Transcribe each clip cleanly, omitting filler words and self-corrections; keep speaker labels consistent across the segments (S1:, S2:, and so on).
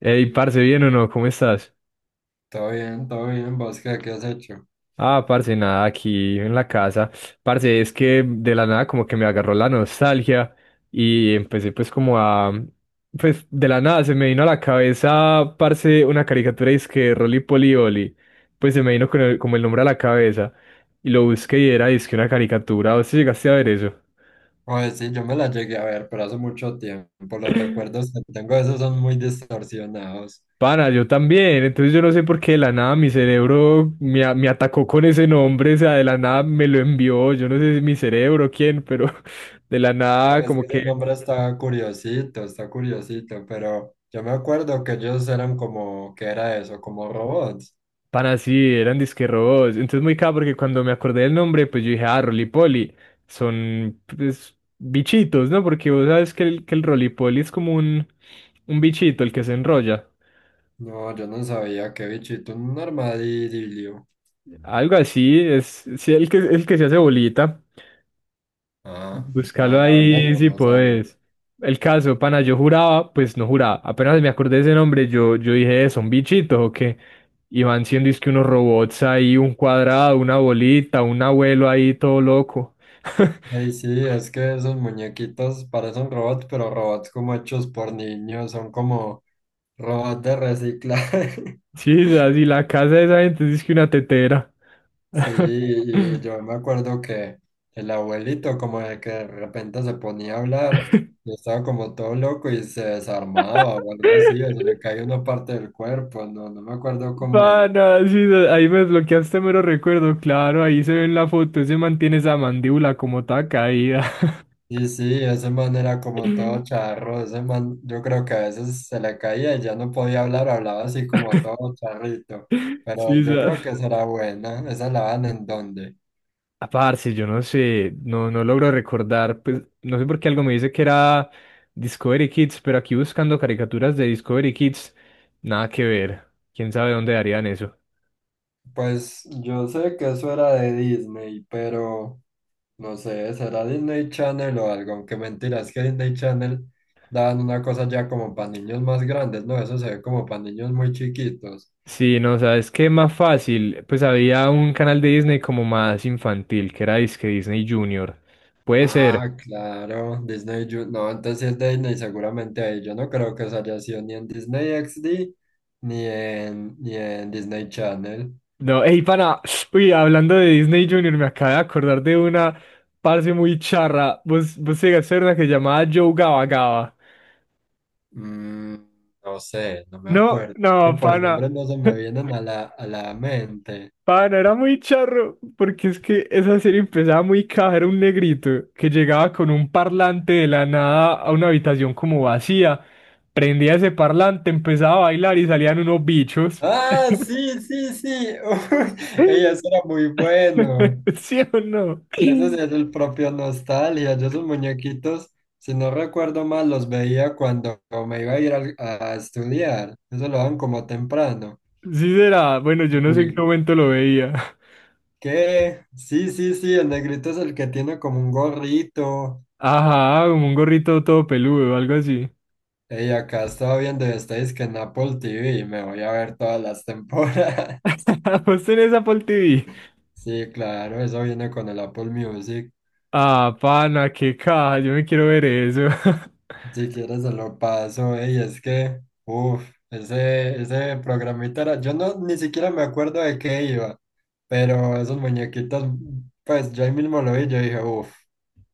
S1: Ey, parce, ¿bien o no? ¿Cómo estás?
S2: Todo bien, ¿vos qué, has hecho?
S1: Ah, parce, nada, aquí en la casa. Parce, es que de la nada como que me agarró la nostalgia y empecé pues como a... Pues de la nada se me vino a la cabeza, parce, una caricatura y es que Rolly Polly Olly. Pues se me vino con como el nombre a la cabeza y lo busqué y era, es que una caricatura. ¿Vos te llegaste a ver eso?
S2: Oye, sí, yo me la llegué a ver, pero hace mucho tiempo. Los recuerdos que tengo de esos son muy distorsionados.
S1: Pana, yo también. Entonces yo no sé por qué de la nada mi cerebro me atacó con ese nombre, o sea, de la nada me lo envió. Yo no sé si mi cerebro, quién, pero de la nada
S2: Oye, es
S1: como
S2: que ese
S1: que,
S2: nombre está curiosito, pero yo me acuerdo que ellos eran como, ¿qué era eso? Como robots.
S1: pana, sí, eran disque robots. Entonces muy cabrón porque cuando me acordé del nombre, pues yo dije, ah, Rolipoli, son pues, bichitos, ¿no? Porque vos sabes que el Rolipoli es como un bichito, el que se enrolla.
S2: No, yo no sabía qué bichito, un armadillo.
S1: Algo así, es sí, el que se hace bolita.
S2: Ah, no,
S1: Búscalo
S2: la verdad
S1: ahí
S2: no,
S1: si
S2: no sabía.
S1: podés. El caso, pana, yo juraba, pues no juraba. Apenas me acordé de ese nombre, yo dije, ¿son bichitos o qué? Y van siendo es que unos robots ahí, un cuadrado, una bolita, un abuelo ahí todo loco.
S2: Ey, sí, es que esos muñequitos parecen robots, pero robots como hechos por niños, son como robots de reciclaje.
S1: Sí y la casa de esa gente es que una tetera.
S2: Sí, y yo me acuerdo que el abuelito como de que de repente se ponía a hablar y estaba como todo loco y se desarmaba o algo así, o se le caía una parte del cuerpo, no, no me acuerdo cómo era.
S1: Pana, sí ahí me desbloqueaste mero recuerdo, claro, ahí se ve en la foto, ese mantiene esa mandíbula como toda caída.
S2: Y sí, ese man era como todo charro, ese man yo creo que a veces se le caía y ya no podía hablar, hablaba así como todo charrito,
S1: Sí,
S2: pero yo
S1: sa-
S2: creo que será buena, esa la dan en donde.
S1: Ah, parce, yo no sé, no logro recordar, pues no sé por qué algo me dice que era Discovery Kids, pero aquí buscando caricaturas de Discovery Kids, nada que ver. ¿Quién sabe dónde darían eso?
S2: Pues yo sé que eso era de Disney, pero... No sé, será Disney Channel o algo, aunque mentira, es que Disney Channel dan una cosa ya como para niños más grandes, ¿no? Eso se ve como para niños muy chiquitos.
S1: Sí, no, ¿sabes qué? Más fácil, pues había un canal de Disney como más infantil, que era disque Disney Junior. Puede ser.
S2: Ah, claro, Disney, Ju- no, entonces sí es de Disney, seguramente ahí. Yo no creo que eso haya sido ni en Disney XD ni en Disney Channel.
S1: No, ey, pana, uy, hablando de Disney Junior, me acabo de acordar de una parce muy charra. Vos llegaste a ver una que se llamaba Joe Gaba Gaba.
S2: Mm, no sé, no me
S1: No,
S2: acuerdo. Es que
S1: no,
S2: por
S1: pana.
S2: nombres no se me vienen a la mente.
S1: Pana, era muy charro, porque es que esa serie empezaba muy caja, era un negrito que llegaba con un parlante de la nada a una habitación como vacía, prendía ese parlante, empezaba a bailar y salían unos bichos.
S2: Ah, sí, sí, sí. Uy, ey, eso era muy bueno.
S1: ¿Sí o no?
S2: Ese sí
S1: Sí
S2: es el propio Nostalgia. Yo esos muñequitos, si no recuerdo mal, los veía cuando me iba a ir al- estudiar. Eso lo dan como temprano.
S1: será, bueno, yo no sé en qué
S2: Uy,
S1: momento lo veía.
S2: ¿qué? Sí, sí, sí, el negrito es el que tiene como un gorrito.
S1: Ajá, como un gorrito todo peludo o algo así.
S2: Y acá estaba viendo, estáis que en Apple TV, me voy a ver todas las temporadas.
S1: ¿Vos tenés Apple TV?
S2: Sí, claro, eso viene con el Apple Music.
S1: Ah, pana, qué caja, yo me quiero ver eso.
S2: Si quieres se lo paso, ey, es que, ese programita era, yo no ni siquiera me acuerdo de qué iba, pero esos muñequitos, pues yo ahí mismo lo vi, yo dije,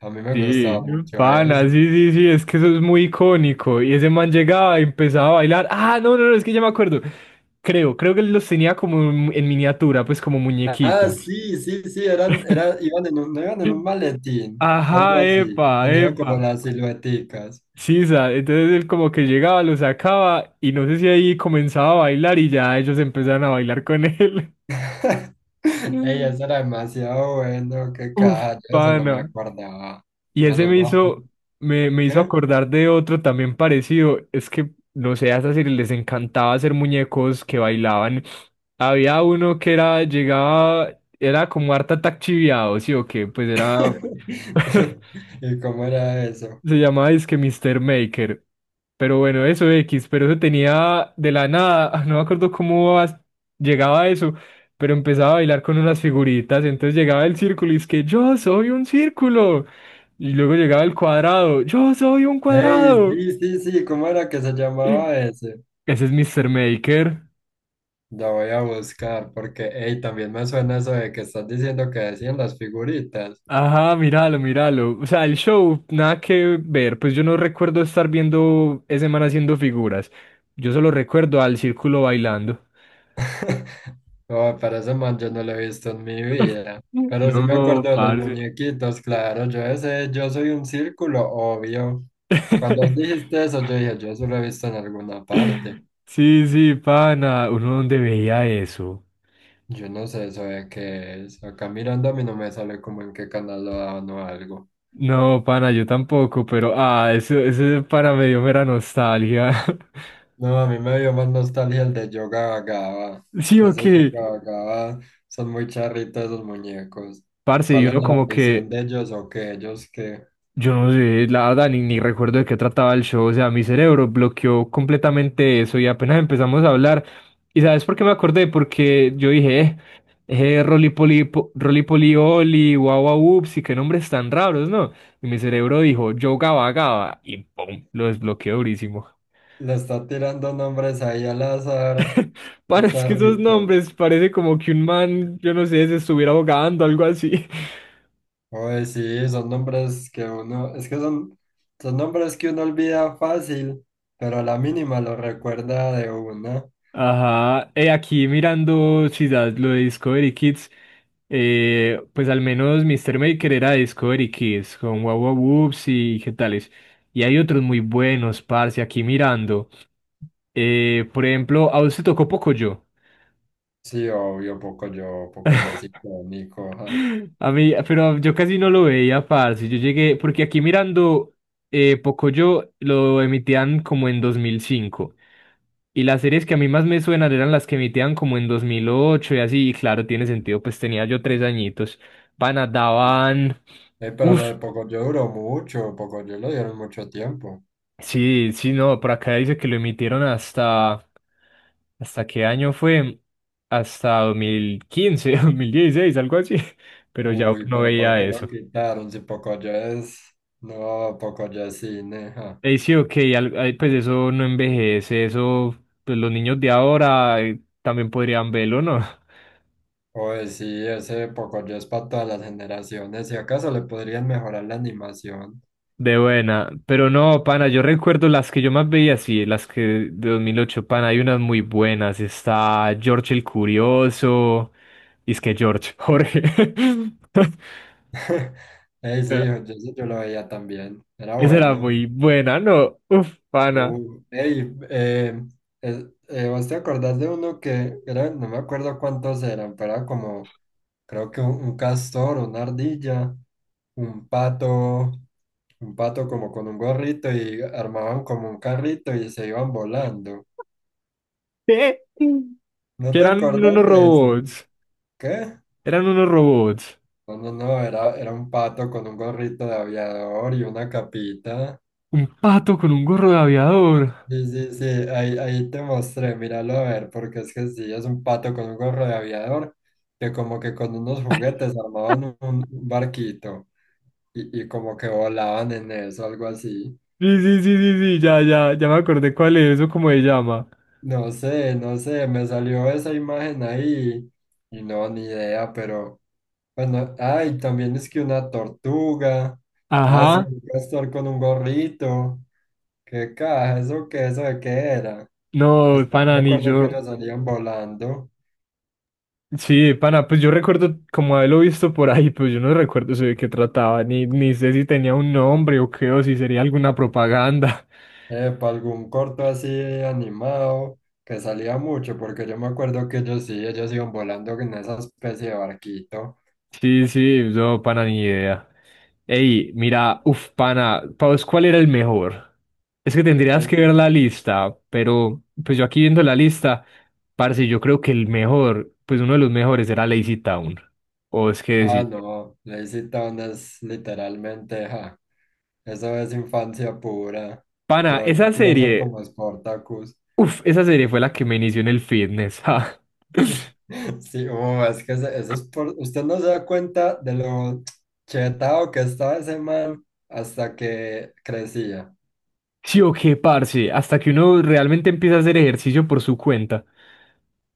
S2: a mí me gustaba
S1: Sí,
S2: mucho eso.
S1: pana, sí, sí, sí, es que eso es muy icónico. Y ese man llegaba y empezaba a bailar. Ah, no, no, no, es que ya me acuerdo. Creo que él los tenía como en miniatura, pues como
S2: Ah,
S1: muñequitos.
S2: sí, sí, sí, eran, era, iban en un, no iban en un maletín, o algo
S1: Ajá,
S2: así,
S1: epa,
S2: tenía
S1: epa.
S2: como las silueticas.
S1: Sí, entonces él como que llegaba, lo sacaba y no sé si ahí comenzaba a bailar y ya ellos empezaron a bailar con él.
S2: Ey, eso era demasiado bueno, qué
S1: Uf,
S2: caja, yo de eso no me
S1: pana.
S2: acordaba.
S1: Y
S2: Me
S1: ese
S2: los
S1: me
S2: voy
S1: hizo,
S2: a...
S1: me, me hizo
S2: ¿Qué?
S1: acordar de otro también parecido. Es que, no sé, a esas series les encantaba hacer muñecos que bailaban. Había uno que era, llegaba, era como harta Attack chiviado, ¿sí o qué? Pues era.
S2: ¿Y cómo era eso?
S1: Se llamaba que Mr. Maker. Pero bueno, eso X, pero eso tenía de la nada, no me acuerdo cómo llegaba a eso, pero empezaba a bailar con unas figuritas, entonces llegaba el círculo y es que yo soy un círculo. Y luego llegaba el cuadrado, yo soy un
S2: Ey,
S1: cuadrado.
S2: sí, sí, sí, ¿cómo era que se llamaba ese?
S1: Ese es Mr. Maker.
S2: Lo voy a buscar porque, ey, también me suena eso de que estás diciendo que decían las figuritas.
S1: Ajá, míralo, míralo. O sea, el show, nada que ver, pues yo no recuerdo estar viendo ese man haciendo figuras. Yo solo recuerdo al círculo bailando.
S2: Oh, pero ese man yo no lo he visto en mi vida. Pero sí me acuerdo
S1: No,
S2: de los
S1: parce.
S2: muñequitos, claro, yo ese, yo soy un círculo, obvio. Cuando dijiste eso, yo dije, yo eso lo he visto en alguna parte.
S1: Sí, sí, pana. ¿Uno dónde veía eso?
S2: Yo no sé eso de qué es. Acá mirando a mí no me sale como en qué canal lo daban o algo.
S1: No, pana, yo tampoco, pero ah, eso para me dio mera nostalgia.
S2: No, a mí me dio más nostalgia el de Yoga Vagaba.
S1: Sí, o
S2: Ese Yoga Vagaba son muy charritos esos muñecos.
S1: parce, y
S2: ¿Cuál es
S1: uno
S2: la
S1: como
S2: ambición
S1: que
S2: de ellos o qué ellos que
S1: yo no sé, la verdad, ni recuerdo de qué trataba el show, o sea, mi cerebro bloqueó completamente eso y apenas empezamos a hablar. ¿Y sabes por qué me acordé? Porque yo dije, Rolipoli, Rolipoli Oli, guau Guau Ups, y qué nombres tan raros, ¿no? Y mi cerebro dijo, yo Gaba Gaba, y pum, lo desbloqueó durísimo.
S2: le está tirando nombres ahí al azar?
S1: Para, es que esos
S2: Charritos.
S1: nombres parece como que un man, yo no sé, se estuviera ahogando, algo así.
S2: Oye, sí, son nombres que uno, es que son, son nombres que uno olvida fácil, pero a la mínima lo recuerda de una.
S1: Ajá, aquí mirando si lo de Discovery Kids, pues al menos Mr. Maker era de Discovery Kids, con Wow Wow Whoops y qué tales. Y hay otros muy buenos, parce, aquí mirando. Por ejemplo, ¿a usted tocó Pocoyo?
S2: Sí, obvio, Pocoyo, Pocoyo es icónico, ajá.
S1: A mí, pero yo casi no lo veía, parce. Yo llegué, porque aquí mirando Pocoyo lo emitían como en 2005. Y las series que a mí más me suenan eran las que emitían como en 2008 y así. Y claro, tiene sentido, pues tenía yo 3 añitos. Pana,
S2: Sí.
S1: daban.
S2: Pero
S1: Uf,
S2: lo de Pocoyo duró mucho, Pocoyo lo dieron mucho tiempo.
S1: sí, sí, no, por acá dice que lo emitieron hasta. ¿Hasta qué año fue? Hasta dos mil quince, 2016, algo así. Pero ya
S2: Uy,
S1: no
S2: pero ¿por
S1: veía
S2: qué lo
S1: eso.
S2: quitaron? Si Pocoyo es... No, Pocoyo es cine, ajá.
S1: Sí, ok, ay, pues eso no envejece, eso, pues los niños de ahora también podrían verlo, ¿no?
S2: Oye, sí, ese Pocoyo es para todas las generaciones. Si acaso le podrían mejorar la animación.
S1: De buena, pero no, pana, yo recuerdo las que yo más veía, sí, las que de 2008 pana, hay unas muy buenas, está George el Curioso, y es que George, Jorge,
S2: Ey, sí,
S1: pero
S2: yo, sí, yo lo veía también. Era
S1: esa era
S2: bueno.
S1: muy buena, ¿no? Uf, pana,
S2: Ey, ¿vos te acordás de uno que era, no me acuerdo cuántos eran, pero era como creo que un castor, una ardilla, un pato, un pato como con un gorrito y armaban como un carrito y se iban volando.
S1: ¿qué?
S2: ¿No
S1: Que
S2: te acordás de eso? ¿Qué?
S1: eran unos robots,
S2: No, no, no, era un pato con un gorrito de aviador y una capita.
S1: un pato con un gorro de aviador.
S2: Sí, sí, sí, ahí, ahí te mostré, míralo a ver, porque es que sí, es un pato con un gorro de aviador que como que con unos juguetes armaban un barquito y como que volaban en eso, algo así.
S1: Sí, sí, sí, sí, sí, ya, ya, ya me acordé cuál es, eso cómo se llama.
S2: No sé, no sé, me salió esa imagen ahí y no, ni idea, pero bueno, ay, también es que una tortuga, ah, sí,
S1: Ajá,
S2: un castor con un gorrito, qué caja, eso qué, eso de qué era, eso,
S1: no, pana,
S2: me
S1: ni
S2: acuerdo que
S1: yo.
S2: nos salían volando,
S1: Sí, pana, pues yo recuerdo como haberlo visto por ahí, pero yo no recuerdo eso de qué trataba, ni sé si tenía un nombre o qué, o si sería alguna propaganda.
S2: para algún corto así animado, que salía mucho, porque yo me acuerdo que ellos sí, ellos iban volando en esa especie de barquito,
S1: Sí, sí, no, pana, ni idea. Ey, mira, uf, pana, ¿para vos cuál era el mejor? Es que tendrías que
S2: sí.
S1: ver la lista, pero pues yo aquí viendo la lista, parce, yo creo que el mejor, pues uno de los mejores era Lazy Town. O es que
S2: Ah,
S1: decir,
S2: no, le hiciste unas literalmente, ja. Eso es infancia pura.
S1: pana,
S2: Yo
S1: esa
S2: quiero ser
S1: serie,
S2: como Spartacus.
S1: uf, esa serie fue la que me inició en el fitness, ja.
S2: Sí, es que ese- eso es por... Usted no se da cuenta de lo chetado que estaba ese man hasta que crecía.
S1: Sí o qué, parce, hasta que uno realmente empieza a hacer ejercicio por su cuenta.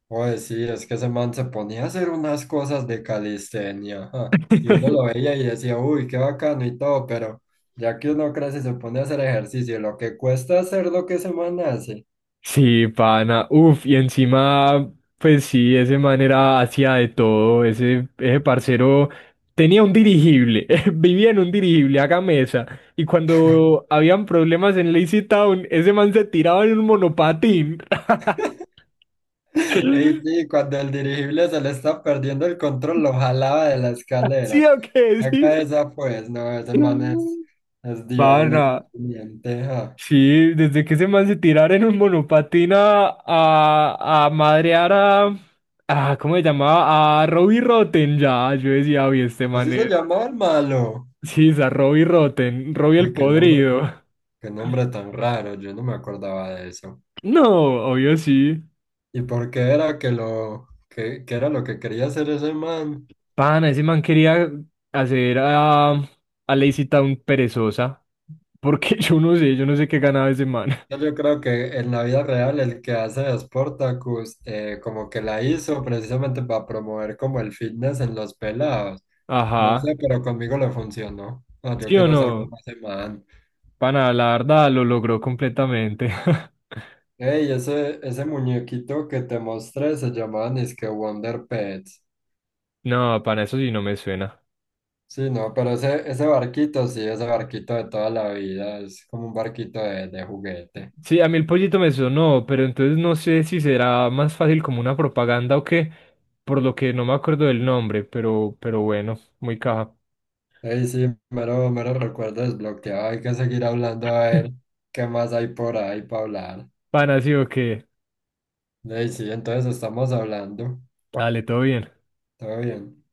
S2: Oye, sí, es que ese man se ponía a hacer unas cosas de calistenia. Ajá. Y uno lo veía y decía, uy, qué bacano y todo, pero ya que uno crece y se pone a hacer ejercicio, lo que cuesta hacer lo que ese man hace.
S1: Sí, pana. Uf, y encima, pues sí, ese man era hacía de todo. Ese parcero tenía un dirigible, vivía en un dirigible, haga mesa. Y cuando habían problemas en Lazy Town, ese man se tiraba en un monopatín.
S2: Ey, sí, cuando el dirigible se le está perdiendo el control, lo jalaba de la escalera.
S1: ¿Sí o qué? Sí.
S2: Acá esa pues, no, ese man es Dios,
S1: Pana.
S2: literalmente. Ja.
S1: Sí, desde que ese man se tirara en un monopatina a madrear a. ¿Cómo se llamaba? A Robbie Rotten, ya. Yo decía, oye, este
S2: Así
S1: man
S2: se
S1: es.
S2: llamaba el malo.
S1: Sí, es a Robbie Rotten, Robbie el
S2: Uy,
S1: podrido.
S2: qué nombre tan raro, yo no me acordaba de eso.
S1: No, obvio sí.
S2: ¿Y por qué era que lo, que era lo que quería hacer ese man?
S1: Pana, ese man quería hacer a Lazy Town perezosa. Porque yo no sé qué ganaba ese man.
S2: Yo creo que en la vida real el que hace de Sportacus como que la hizo precisamente para promover como el fitness en los pelados. No
S1: Ajá.
S2: sé, pero conmigo le funcionó. Ah, yo
S1: ¿Sí o
S2: quiero ser
S1: no?
S2: como ese man.
S1: Pana, la verdad lo logró completamente.
S2: Ey, ese muñequito que te mostré se llamaba que Wonder Pets.
S1: No, pana, eso sí no me suena.
S2: Sí, no, pero ese barquito, sí, ese barquito de toda la vida, es como un barquito de juguete.
S1: Sí, a mí el pollito me sonó, pero entonces no sé si será más fácil como una propaganda o qué, por lo que no me acuerdo del nombre, pero bueno, muy caja.
S2: Ey, sí, mero, mero recuerdo desbloqueado, hay que seguir hablando a ver qué más hay por ahí para hablar.
S1: Pan así o qué.
S2: Ey, sí, entonces estamos hablando.
S1: Dale, todo bien.
S2: Todo bien.